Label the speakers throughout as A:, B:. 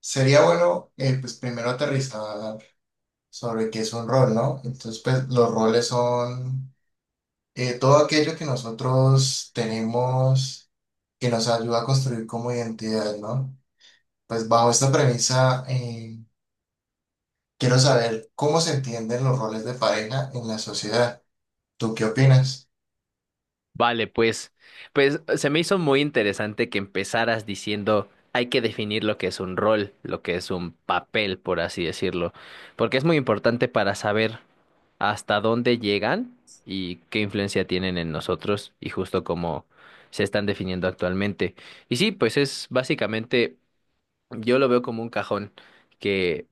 A: Sería bueno, pues primero aterrizar sobre qué es un rol, ¿no? Entonces, pues los roles son todo aquello que nosotros tenemos que nos ayuda a construir como identidad, ¿no? Pues bajo esta premisa, quiero saber cómo se entienden los roles de pareja en la sociedad. ¿Tú qué opinas?
B: Vale, pues, se me hizo muy interesante que empezaras diciendo hay que definir lo que es un rol, lo que es un papel, por así decirlo, porque es muy importante para saber hasta dónde llegan y qué influencia tienen en nosotros y justo cómo se están definiendo actualmente. Y sí, pues es básicamente, yo lo veo como un cajón que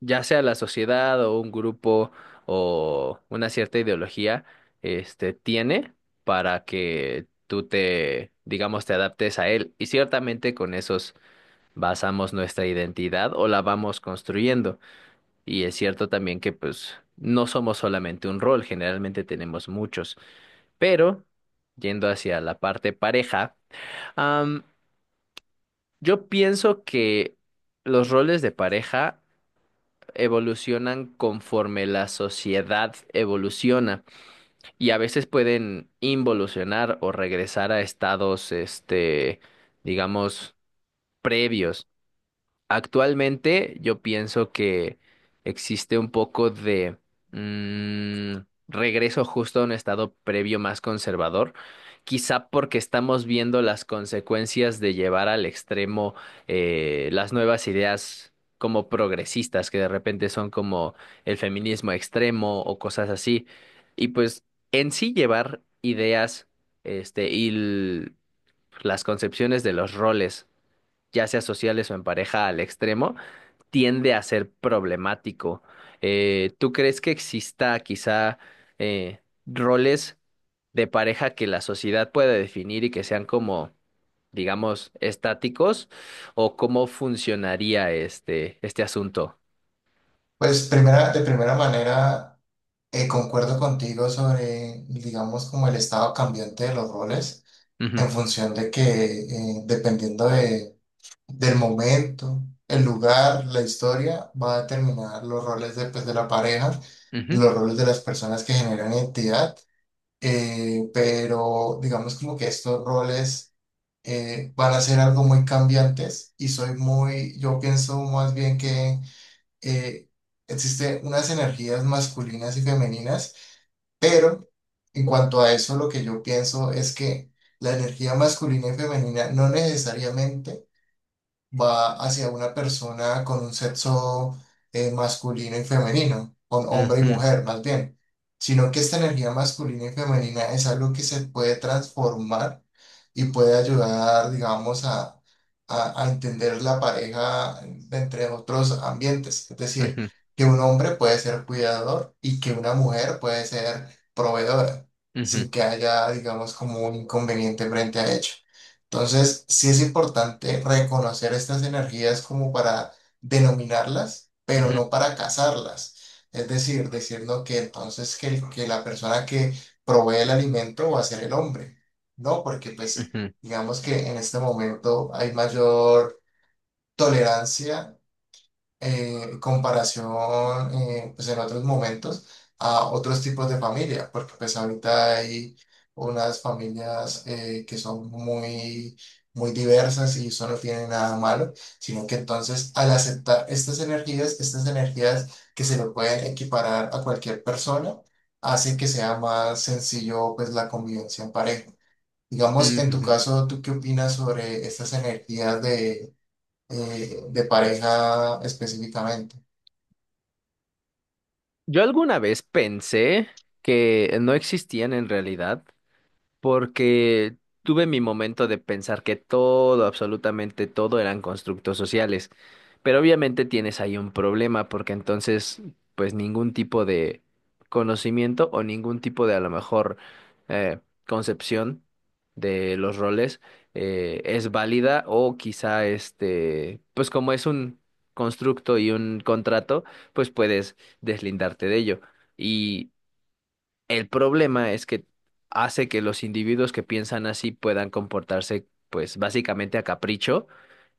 B: ya sea la sociedad o un grupo o una cierta ideología, tiene para que tú te, digamos, te adaptes a él. Y ciertamente con esos basamos nuestra identidad o la vamos construyendo. Y es cierto también que pues no somos solamente un rol, generalmente tenemos muchos. Pero, yendo hacia la parte pareja, am, yo pienso que los roles de pareja evolucionan conforme la sociedad evoluciona y a veces pueden involucionar o regresar a estados, este, digamos, previos. Actualmente yo pienso que existe un poco de mm, regreso justo a un estado previo más conservador, quizá porque estamos viendo las consecuencias de llevar al extremo las nuevas ideas como progresistas, que de repente son como el feminismo extremo o cosas así. Y pues en sí llevar ideas y las concepciones de los roles, ya sea sociales o en pareja, al extremo tiende a ser problemático. ¿Tú crees que exista quizá roles de pareja que la sociedad pueda definir y que sean como, digamos, estáticos? ¿O cómo funcionaría este, este asunto?
A: Pues primera, de primera manera, concuerdo contigo sobre, digamos, como el estado cambiante de los roles.
B: Ujú,
A: En función de que, dependiendo de, del momento, el lugar, la historia, va a determinar los roles de, pues, de la pareja,
B: ujú,
A: los roles de las personas que generan identidad, pero digamos como que estos roles van a ser algo muy cambiantes y soy muy, yo pienso más bien que eh, existen unas energías masculinas y femeninas, pero en cuanto a eso, lo que yo pienso es que la energía masculina y femenina no necesariamente va hacia una persona con un sexo masculino y femenino, con hombre y
B: ujú,
A: mujer más bien, sino que esta energía masculina y femenina es algo que se puede transformar y puede ayudar, digamos, a, a entender la pareja de entre otros ambientes. Es decir,
B: ujú,
A: que un hombre puede ser cuidador y que una mujer puede ser proveedora,
B: ujú,
A: sin que haya, digamos, como un inconveniente frente a ello. Entonces, sí es importante reconocer estas energías como para denominarlas, pero
B: ujú,
A: no para cazarlas. Es decir, decirnos que entonces que, que la persona que provee el alimento va a ser el hombre, ¿no? Porque pues
B: ujú,
A: digamos que en este momento hay mayor tolerancia comparación pues en otros momentos a otros tipos de familia, porque pues ahorita hay unas familias que son muy, muy diversas y eso no tiene nada malo, sino que entonces al aceptar estas energías, estas energías, que se lo pueden equiparar a cualquier persona, hace que sea más sencillo pues la convivencia en pareja. Digamos, en
B: ujú,
A: tu
B: ujú.
A: caso, ¿tú qué opinas sobre estas energías de pareja específicamente?
B: Yo alguna vez pensé que no existían en realidad porque tuve mi momento de pensar que todo, absolutamente todo eran constructos sociales, pero obviamente tienes ahí un problema porque entonces pues ningún tipo de conocimiento o ningún tipo de a lo mejor eh, concepción de los roles es válida o quizá este pues como es un constructo y un contrato pues puedes deslindarte de ello. El problema es que hace que los individuos que piensan así puedan comportarse, pues básicamente a capricho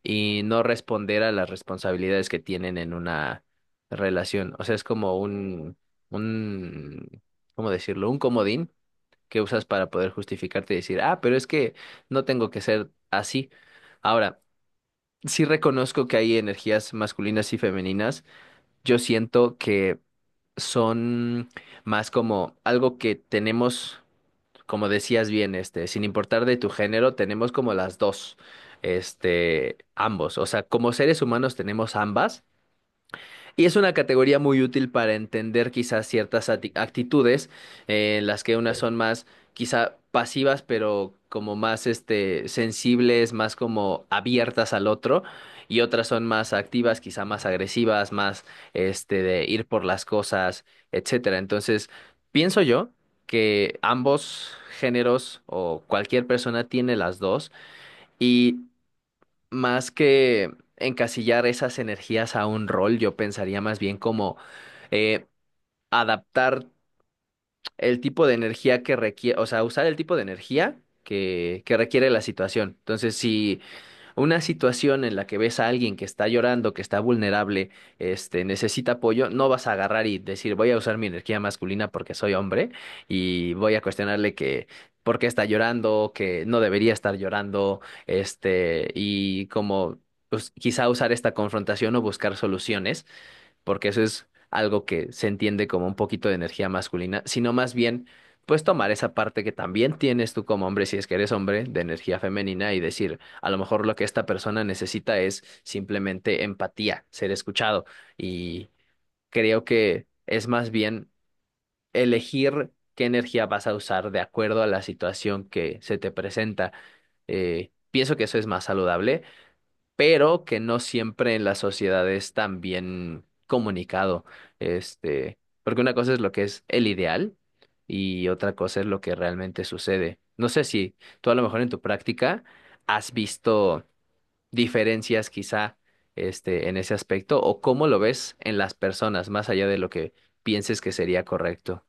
B: y no responder a las responsabilidades que tienen en una relación. O sea, es como un, ¿cómo decirlo? Un comodín que usas para poder justificarte y decir, ah, pero es que no tengo que ser así. Ahora, sí reconozco que hay energías masculinas y femeninas. Yo siento que son más como algo que tenemos como decías bien, este, sin importar de tu género, tenemos como las dos, ambos. O sea, como seres humanos tenemos ambas, y es una categoría muy útil para entender quizás ciertas actitudes, en las que unas son más quizá pasivas, pero como más sensibles, más como abiertas al otro, y otras son más activas, quizá más agresivas, más de ir por las cosas, etcétera. Entonces, pienso yo que ambos géneros o cualquier persona tiene las dos. Y más que encasillar esas energías a un rol, yo pensaría más bien como eh, adaptar el tipo de energía que requiere, o sea, usar el tipo de energía que requiere la situación. Entonces, si una situación en la que ves a alguien que está llorando, que está vulnerable, necesita apoyo, no vas a agarrar y decir, voy a usar mi energía masculina porque soy hombre y voy a cuestionarle que por qué está llorando, que no debería estar llorando, y como pues, quizá usar esta confrontación o buscar soluciones porque eso es algo que se entiende como un poquito de energía masculina, sino más bien, pues tomar esa parte que también tienes tú como hombre, si es que eres hombre, de energía femenina y decir, a lo mejor lo que esta persona necesita es simplemente empatía, ser escuchado. Y creo que es más bien elegir qué energía vas a usar de acuerdo a la situación que se te presenta. Pienso que eso es más saludable pero que no siempre en la sociedad es tan bien comunicado. Este, Porque una cosa es lo que es el ideal y otra cosa es lo que realmente sucede. No sé si tú a lo mejor en tu práctica has visto diferencias quizá en ese aspecto o cómo lo ves en las personas, más allá de lo que pienses que sería correcto.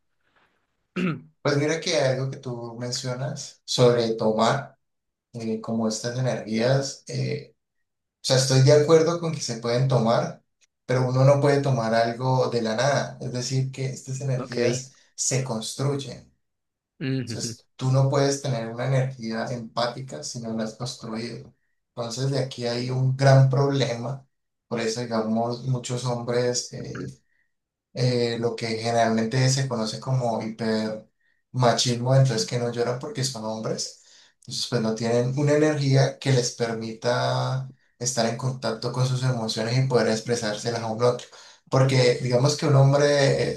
A: Pues mira que algo que tú mencionas sobre tomar como estas energías, o sea, estoy de acuerdo con que se pueden tomar, pero uno no puede tomar algo de la nada, es decir, que estas
B: Ok.
A: energías se construyen.
B: Ujú,
A: Entonces, tú no puedes tener una energía empática si no la has construido. Entonces, de aquí hay un gran problema. Por eso, digamos, muchos hombres...
B: ujú,
A: lo que generalmente se conoce como hipermachismo, entonces que no lloran porque son hombres, entonces pues no tienen una energía que les permita estar en contacto con sus emociones y poder expresárselas a un otro. Porque digamos que un hombre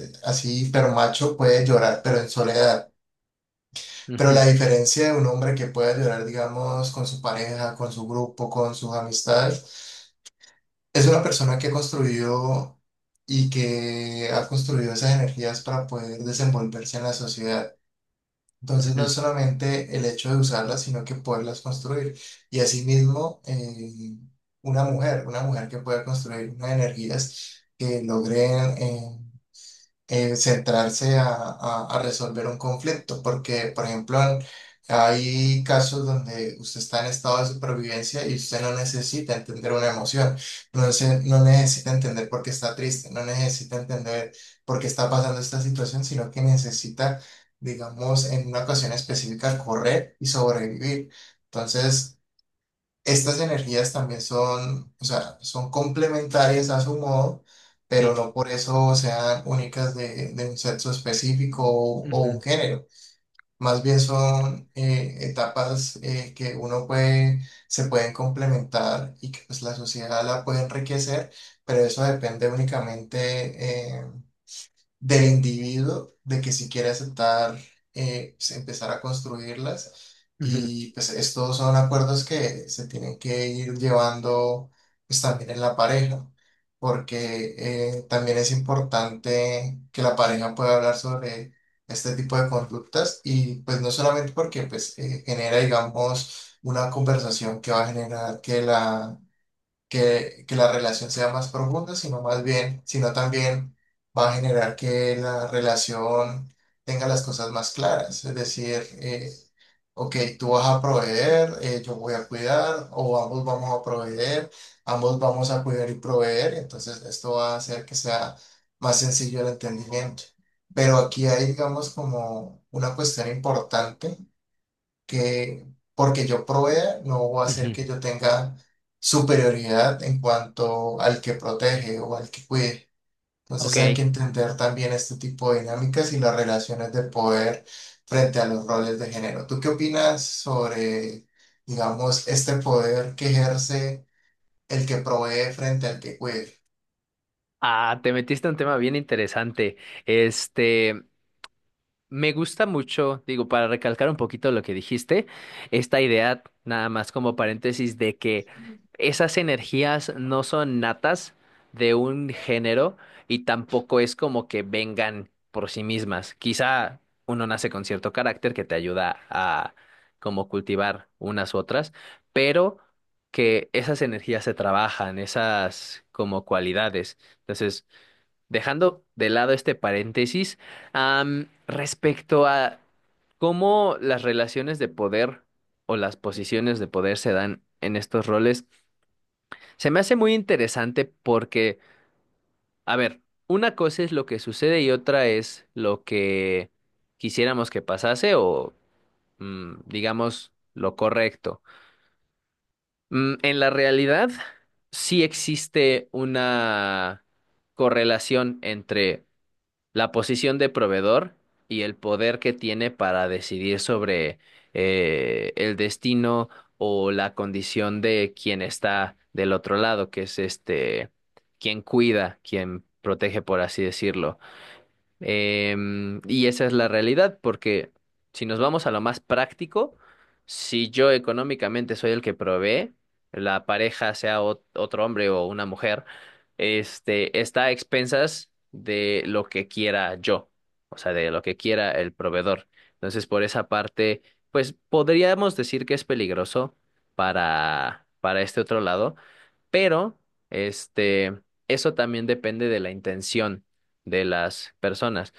A: así hipermacho puede llorar, pero en soledad. Pero
B: ujú,
A: la diferencia de un hombre que pueda llorar, digamos, con su pareja, con su grupo, con sus amistades, es una persona que construyó y que ha construido esas energías para poder desenvolverse en la sociedad. Entonces no es
B: ujú.
A: solamente el hecho de usarlas, sino que poderlas construir. Y asimismo, una mujer que pueda construir unas energías que logren centrarse a, a resolver un conflicto, porque, por ejemplo, hay casos donde usted está en estado de supervivencia y usted no necesita entender una emoción, no, no necesita entender por qué está triste, no necesita entender por qué está pasando esta situación, sino que necesita, digamos, en una ocasión específica, correr y sobrevivir. Entonces, estas energías también son, o sea, son complementarias a su modo, pero
B: Sí.
A: no por eso sean únicas de un sexo específico o un
B: Ujú,
A: género. Más bien son etapas que uno puede, se pueden complementar y que pues, la sociedad la puede enriquecer, pero eso depende únicamente del individuo, de que si quiere aceptar, pues, empezar a construirlas.
B: ujú,
A: Y pues estos son acuerdos que se tienen que ir llevando pues también en la pareja, porque también es importante que la pareja pueda hablar sobre este tipo de conductas y pues no solamente porque pues genera, digamos, una conversación que va a generar que la relación sea más profunda, sino más bien, sino también va a generar que la relación tenga las cosas más claras, es decir, ok, tú vas a proveer, yo voy a cuidar, o ambos vamos a proveer, ambos vamos a cuidar y proveer, entonces esto va a hacer que sea más sencillo el entendimiento. Pero aquí hay, digamos, como una cuestión importante que porque yo provea no va a hacer
B: ujú.
A: que yo tenga superioridad en cuanto al que protege o al que cuide. Entonces hay
B: Ok.
A: que entender también este tipo de dinámicas y las relaciones de poder frente a los roles de género. ¿Tú qué opinas sobre, digamos, este poder que ejerce el que provee frente al que cuide?
B: Ah, te metiste en un tema bien interesante. Este, Me gusta mucho, digo, para recalcar un poquito lo que dijiste, esta idea, nada más como paréntesis, de que esas energías no son natas de un género y tampoco es como que vengan por sí mismas. Quizá uno nace con cierto carácter que te ayuda a como cultivar unas u otras, pero que esas energías se trabajan, esas como cualidades. Entonces, dejando de lado este paréntesis, respecto a cómo las relaciones de poder o las posiciones de poder se dan en estos roles, se me hace muy interesante porque, a ver, una cosa es lo que sucede y otra es lo que quisiéramos que pasase o, digamos, lo correcto. En la realidad, sí existe una correlación entre la posición de proveedor y el poder que tiene para decidir sobre el destino o la condición de quien está del otro lado, que es quien cuida, quien protege, por así decirlo. Y esa es la realidad, porque si nos vamos a lo más práctico, si yo económicamente soy el que provee, la pareja, sea otro hombre o una mujer, está a expensas de lo que quiera yo, o sea, de lo que quiera el proveedor. Entonces, por esa parte, pues podríamos decir que es peligroso para este otro lado, pero este, eso también depende de la intención de las personas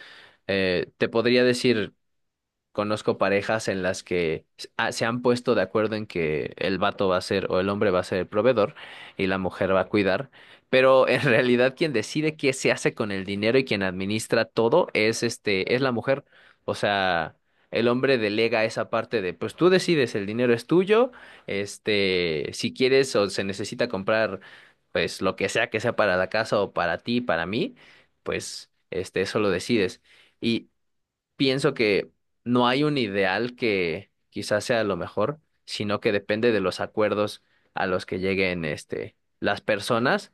B: te podría decir, conozco parejas en las que se han puesto de acuerdo en que el vato va a ser o el hombre va a ser el proveedor y la mujer va a cuidar, pero en realidad quien decide qué se hace con el dinero y quien administra todo es la mujer. O sea, el hombre delega esa parte de, pues tú decides, el dinero es tuyo, si quieres o se necesita comprar, pues lo que sea para la casa o para ti, para mí, pues eso lo decides. Y pienso que no hay un ideal que quizás sea lo mejor, sino que depende de los acuerdos a los que lleguen este, las personas.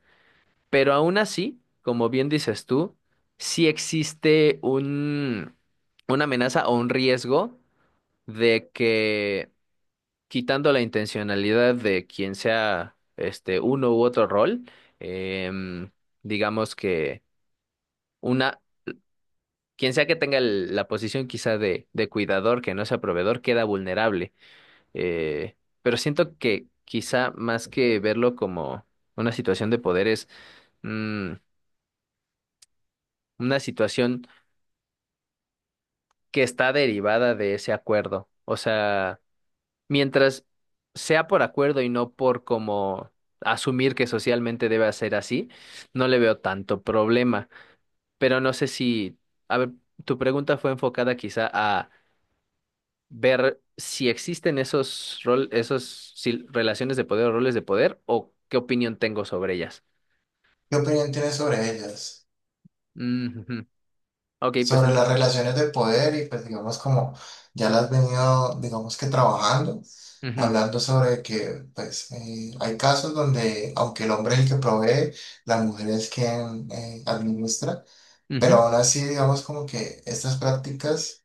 B: Pero aún así, como bien dices tú, sí existe un, una amenaza o un riesgo de que quitando la intencionalidad de quien sea este uno u otro rol, em, digamos que una. Quien sea que tenga la posición quizá de cuidador, que no sea proveedor, queda vulnerable. Eh, pero siento que quizá más que verlo como una situación de poder es mm, una situación que está derivada de ese acuerdo. O sea, mientras sea por acuerdo y no por como asumir que socialmente debe ser así, no le veo tanto problema. Pero no sé si, a ver, tu pregunta fue enfocada quizá a ver si existen esos rol, esos si- relaciones de poder o roles de poder o qué opinión tengo sobre ellas.
A: ¿Qué opinión tienes sobre ellas?
B: Mm, ujú. Ok, pues
A: Sobre
B: en-
A: las relaciones de poder y pues digamos como ya las has venido, digamos que trabajando,
B: Ujú,
A: hablando sobre que pues hay casos donde aunque el hombre es el que provee, la mujer es quien administra, pero
B: ujú,
A: aún así digamos como que estas prácticas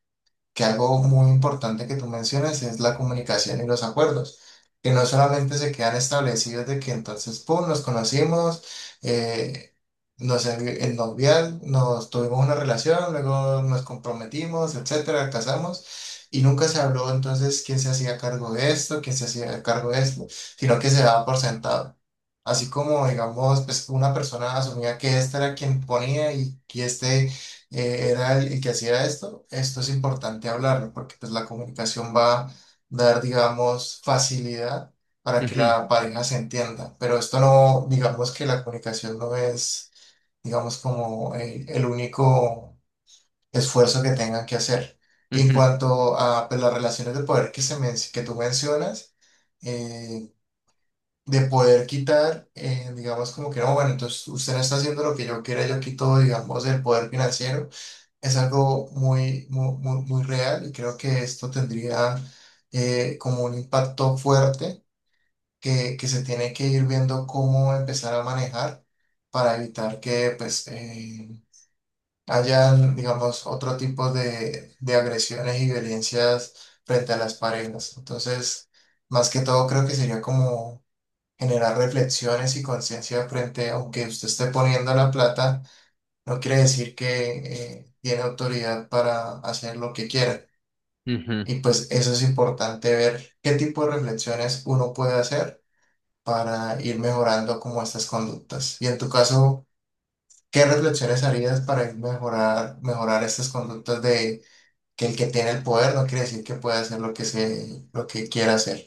A: que algo muy importante que tú mencionas es la comunicación y los acuerdos, que no solamente se quedan establecidos de que entonces, pum, nos conocimos, eh, el novial, nos tuvimos una relación, luego nos comprometimos, etcétera, casamos. Y nunca se habló entonces quién se hacía cargo de esto, quién se hacía cargo de esto, sino que se daba por sentado. Así como, digamos, pues una persona asumía que este era quien ponía y que este era el que hacía esto, esto es importante hablarlo porque pues la comunicación va a dar, digamos, facilidad para que
B: ujú,
A: la pareja se entienda, pero esto no, digamos que la comunicación no es, digamos, como el único esfuerzo que tengan que hacer. Y en
B: ujú,
A: cuanto a pues, las relaciones de poder que, que tú mencionas, eh, de poder quitar, digamos, como que no, bueno, entonces usted no está haciendo lo que yo quiera, yo quito, digamos, el poder financiero es algo muy, muy, muy, muy real y creo que esto tendría como un impacto fuerte que se tiene que ir viendo cómo empezar a manejar para evitar que pues hayan, digamos, otro tipo de agresiones y violencias frente a las parejas. Entonces, más que todo creo que sería como generar reflexiones y conciencia frente, aunque usted esté poniendo la plata no quiere decir que tiene autoridad para hacer lo que quiera.
B: ujú.
A: Y pues eso es importante ver qué tipo de reflexiones uno puede hacer para ir mejorando como estas conductas. Y en tu caso, ¿qué reflexiones harías para ir mejorar estas conductas de que el que tiene el poder no quiere decir que puede hacer lo que quiera hacer?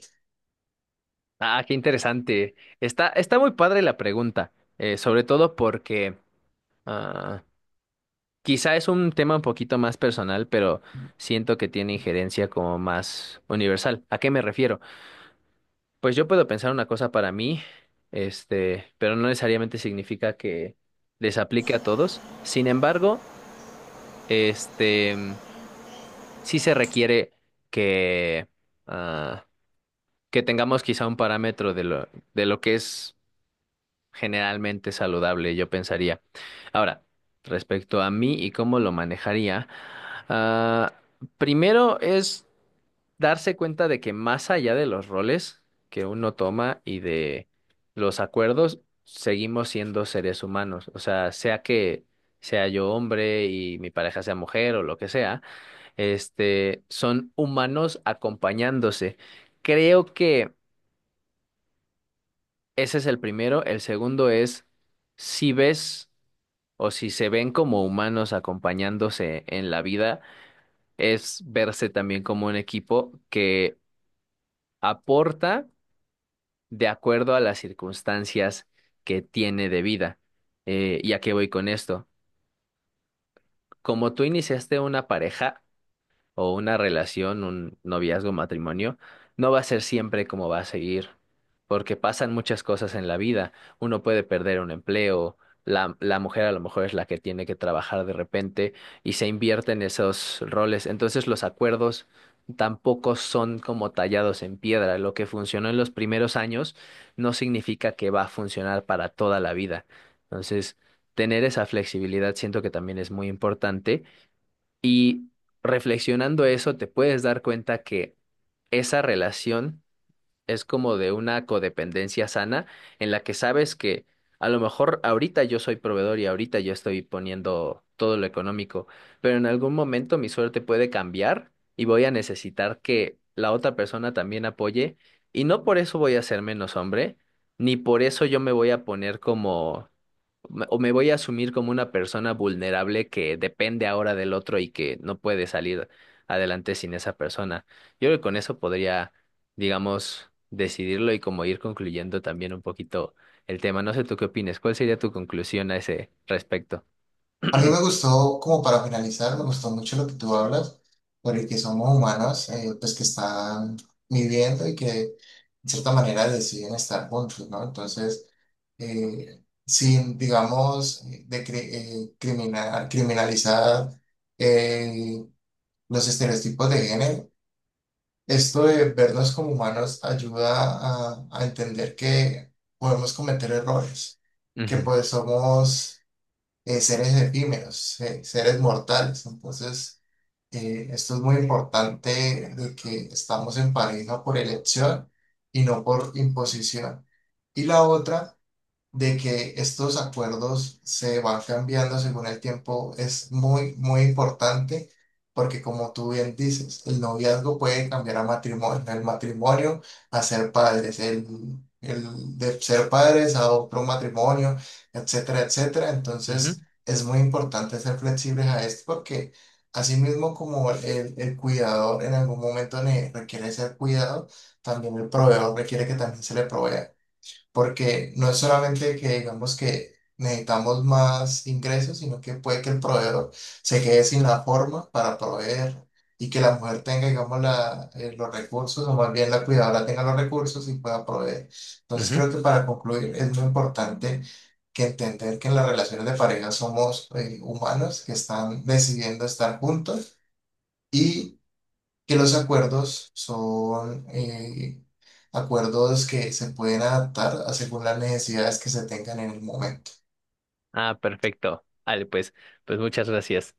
B: Ah, qué interesante. Está muy padre la pregunta, sobre todo porque ah, quizá es un tema un poquito más personal, pero siento que tiene injerencia como más universal. ¿A qué me refiero? Pues yo puedo pensar una cosa para mí, pero no necesariamente significa que les aplique a todos. Sin embargo, este, mm, sí se requiere que, ah, que tengamos quizá un parámetro de lo que es generalmente saludable, yo pensaría. Ahora, respecto a mí y cómo lo manejaría, ah, primero es darse cuenta de que más allá de los roles que uno toma y de los acuerdos, seguimos siendo seres humanos. O sea, sea que sea yo hombre y mi pareja sea mujer o lo que sea, son humanos acompañándose. Creo que ese es el primero. El segundo es si ves o si se ven como humanos acompañándose en la vida, es verse también como un equipo que aporta de acuerdo a las circunstancias que tiene de vida. ¿Y a qué voy con esto? Como tú iniciaste una pareja, o una relación, un noviazgo, matrimonio, no va a ser siempre como va a seguir, porque pasan muchas cosas en la vida. Uno puede perder un empleo, la mujer a lo mejor es la que tiene que trabajar de repente y se invierte en esos roles. Entonces los acuerdos tampoco son como tallados en piedra. Lo que funcionó en los primeros años no significa que va a funcionar para toda la vida. Entonces, tener esa flexibilidad siento que también es muy importante y reflexionando eso, te puedes dar cuenta que esa relación es como de una codependencia sana en la que sabes que a lo mejor ahorita yo soy proveedor y ahorita yo estoy poniendo todo lo económico, pero en algún momento mi suerte puede cambiar y voy a necesitar que la otra persona también apoye y no por eso voy a ser menos hombre, ni por eso yo me voy a poner o me voy a asumir como una persona vulnerable que depende ahora del otro y que no puede salir adelante sin esa persona. Yo creo que con eso podría digamos, decidirlo y como ir concluyendo también un poquito el tema. No sé tú qué opinas, ¿cuál sería tu conclusión a ese respecto?
A: A mí me gustó, como para finalizar, me gustó mucho lo que tú hablas, por el que somos humanos, pues que están viviendo y que de cierta manera deciden estar juntos, ¿no? Entonces, sin, digamos, criminalizar eh, los estereotipos de género, esto de vernos como humanos ayuda a entender que podemos cometer errores, que
B: Ujú,
A: pues somos seres efímeros, seres mortales. Entonces, esto es muy importante de que estamos en pareja por elección y no por imposición. Y la otra de que estos acuerdos se van cambiando según el tiempo es muy, muy importante porque como tú bien dices, el noviazgo puede cambiar a matrimonio, el matrimonio a ser padres, el de ser padres a otro matrimonio, etcétera, etcétera.
B: ujú,
A: Entonces es muy importante ser flexibles a esto porque así mismo como el cuidador en algún momento requiere ser cuidado, también el proveedor requiere que también se le provea porque no es solamente que digamos que necesitamos más ingresos, sino que puede que el proveedor se quede sin la forma para proveer y que la mujer tenga, digamos, la, los recursos, o más bien la cuidadora tenga los recursos y pueda proveer. Entonces
B: ujú.
A: creo que para concluir es muy importante que entender que en las relaciones de pareja somos humanos que están decidiendo estar juntos. Y que los acuerdos son acuerdos que se pueden adaptar a según las necesidades que se tengan en el momento.
B: Ah, perfecto. Vale, pues muchas gracias.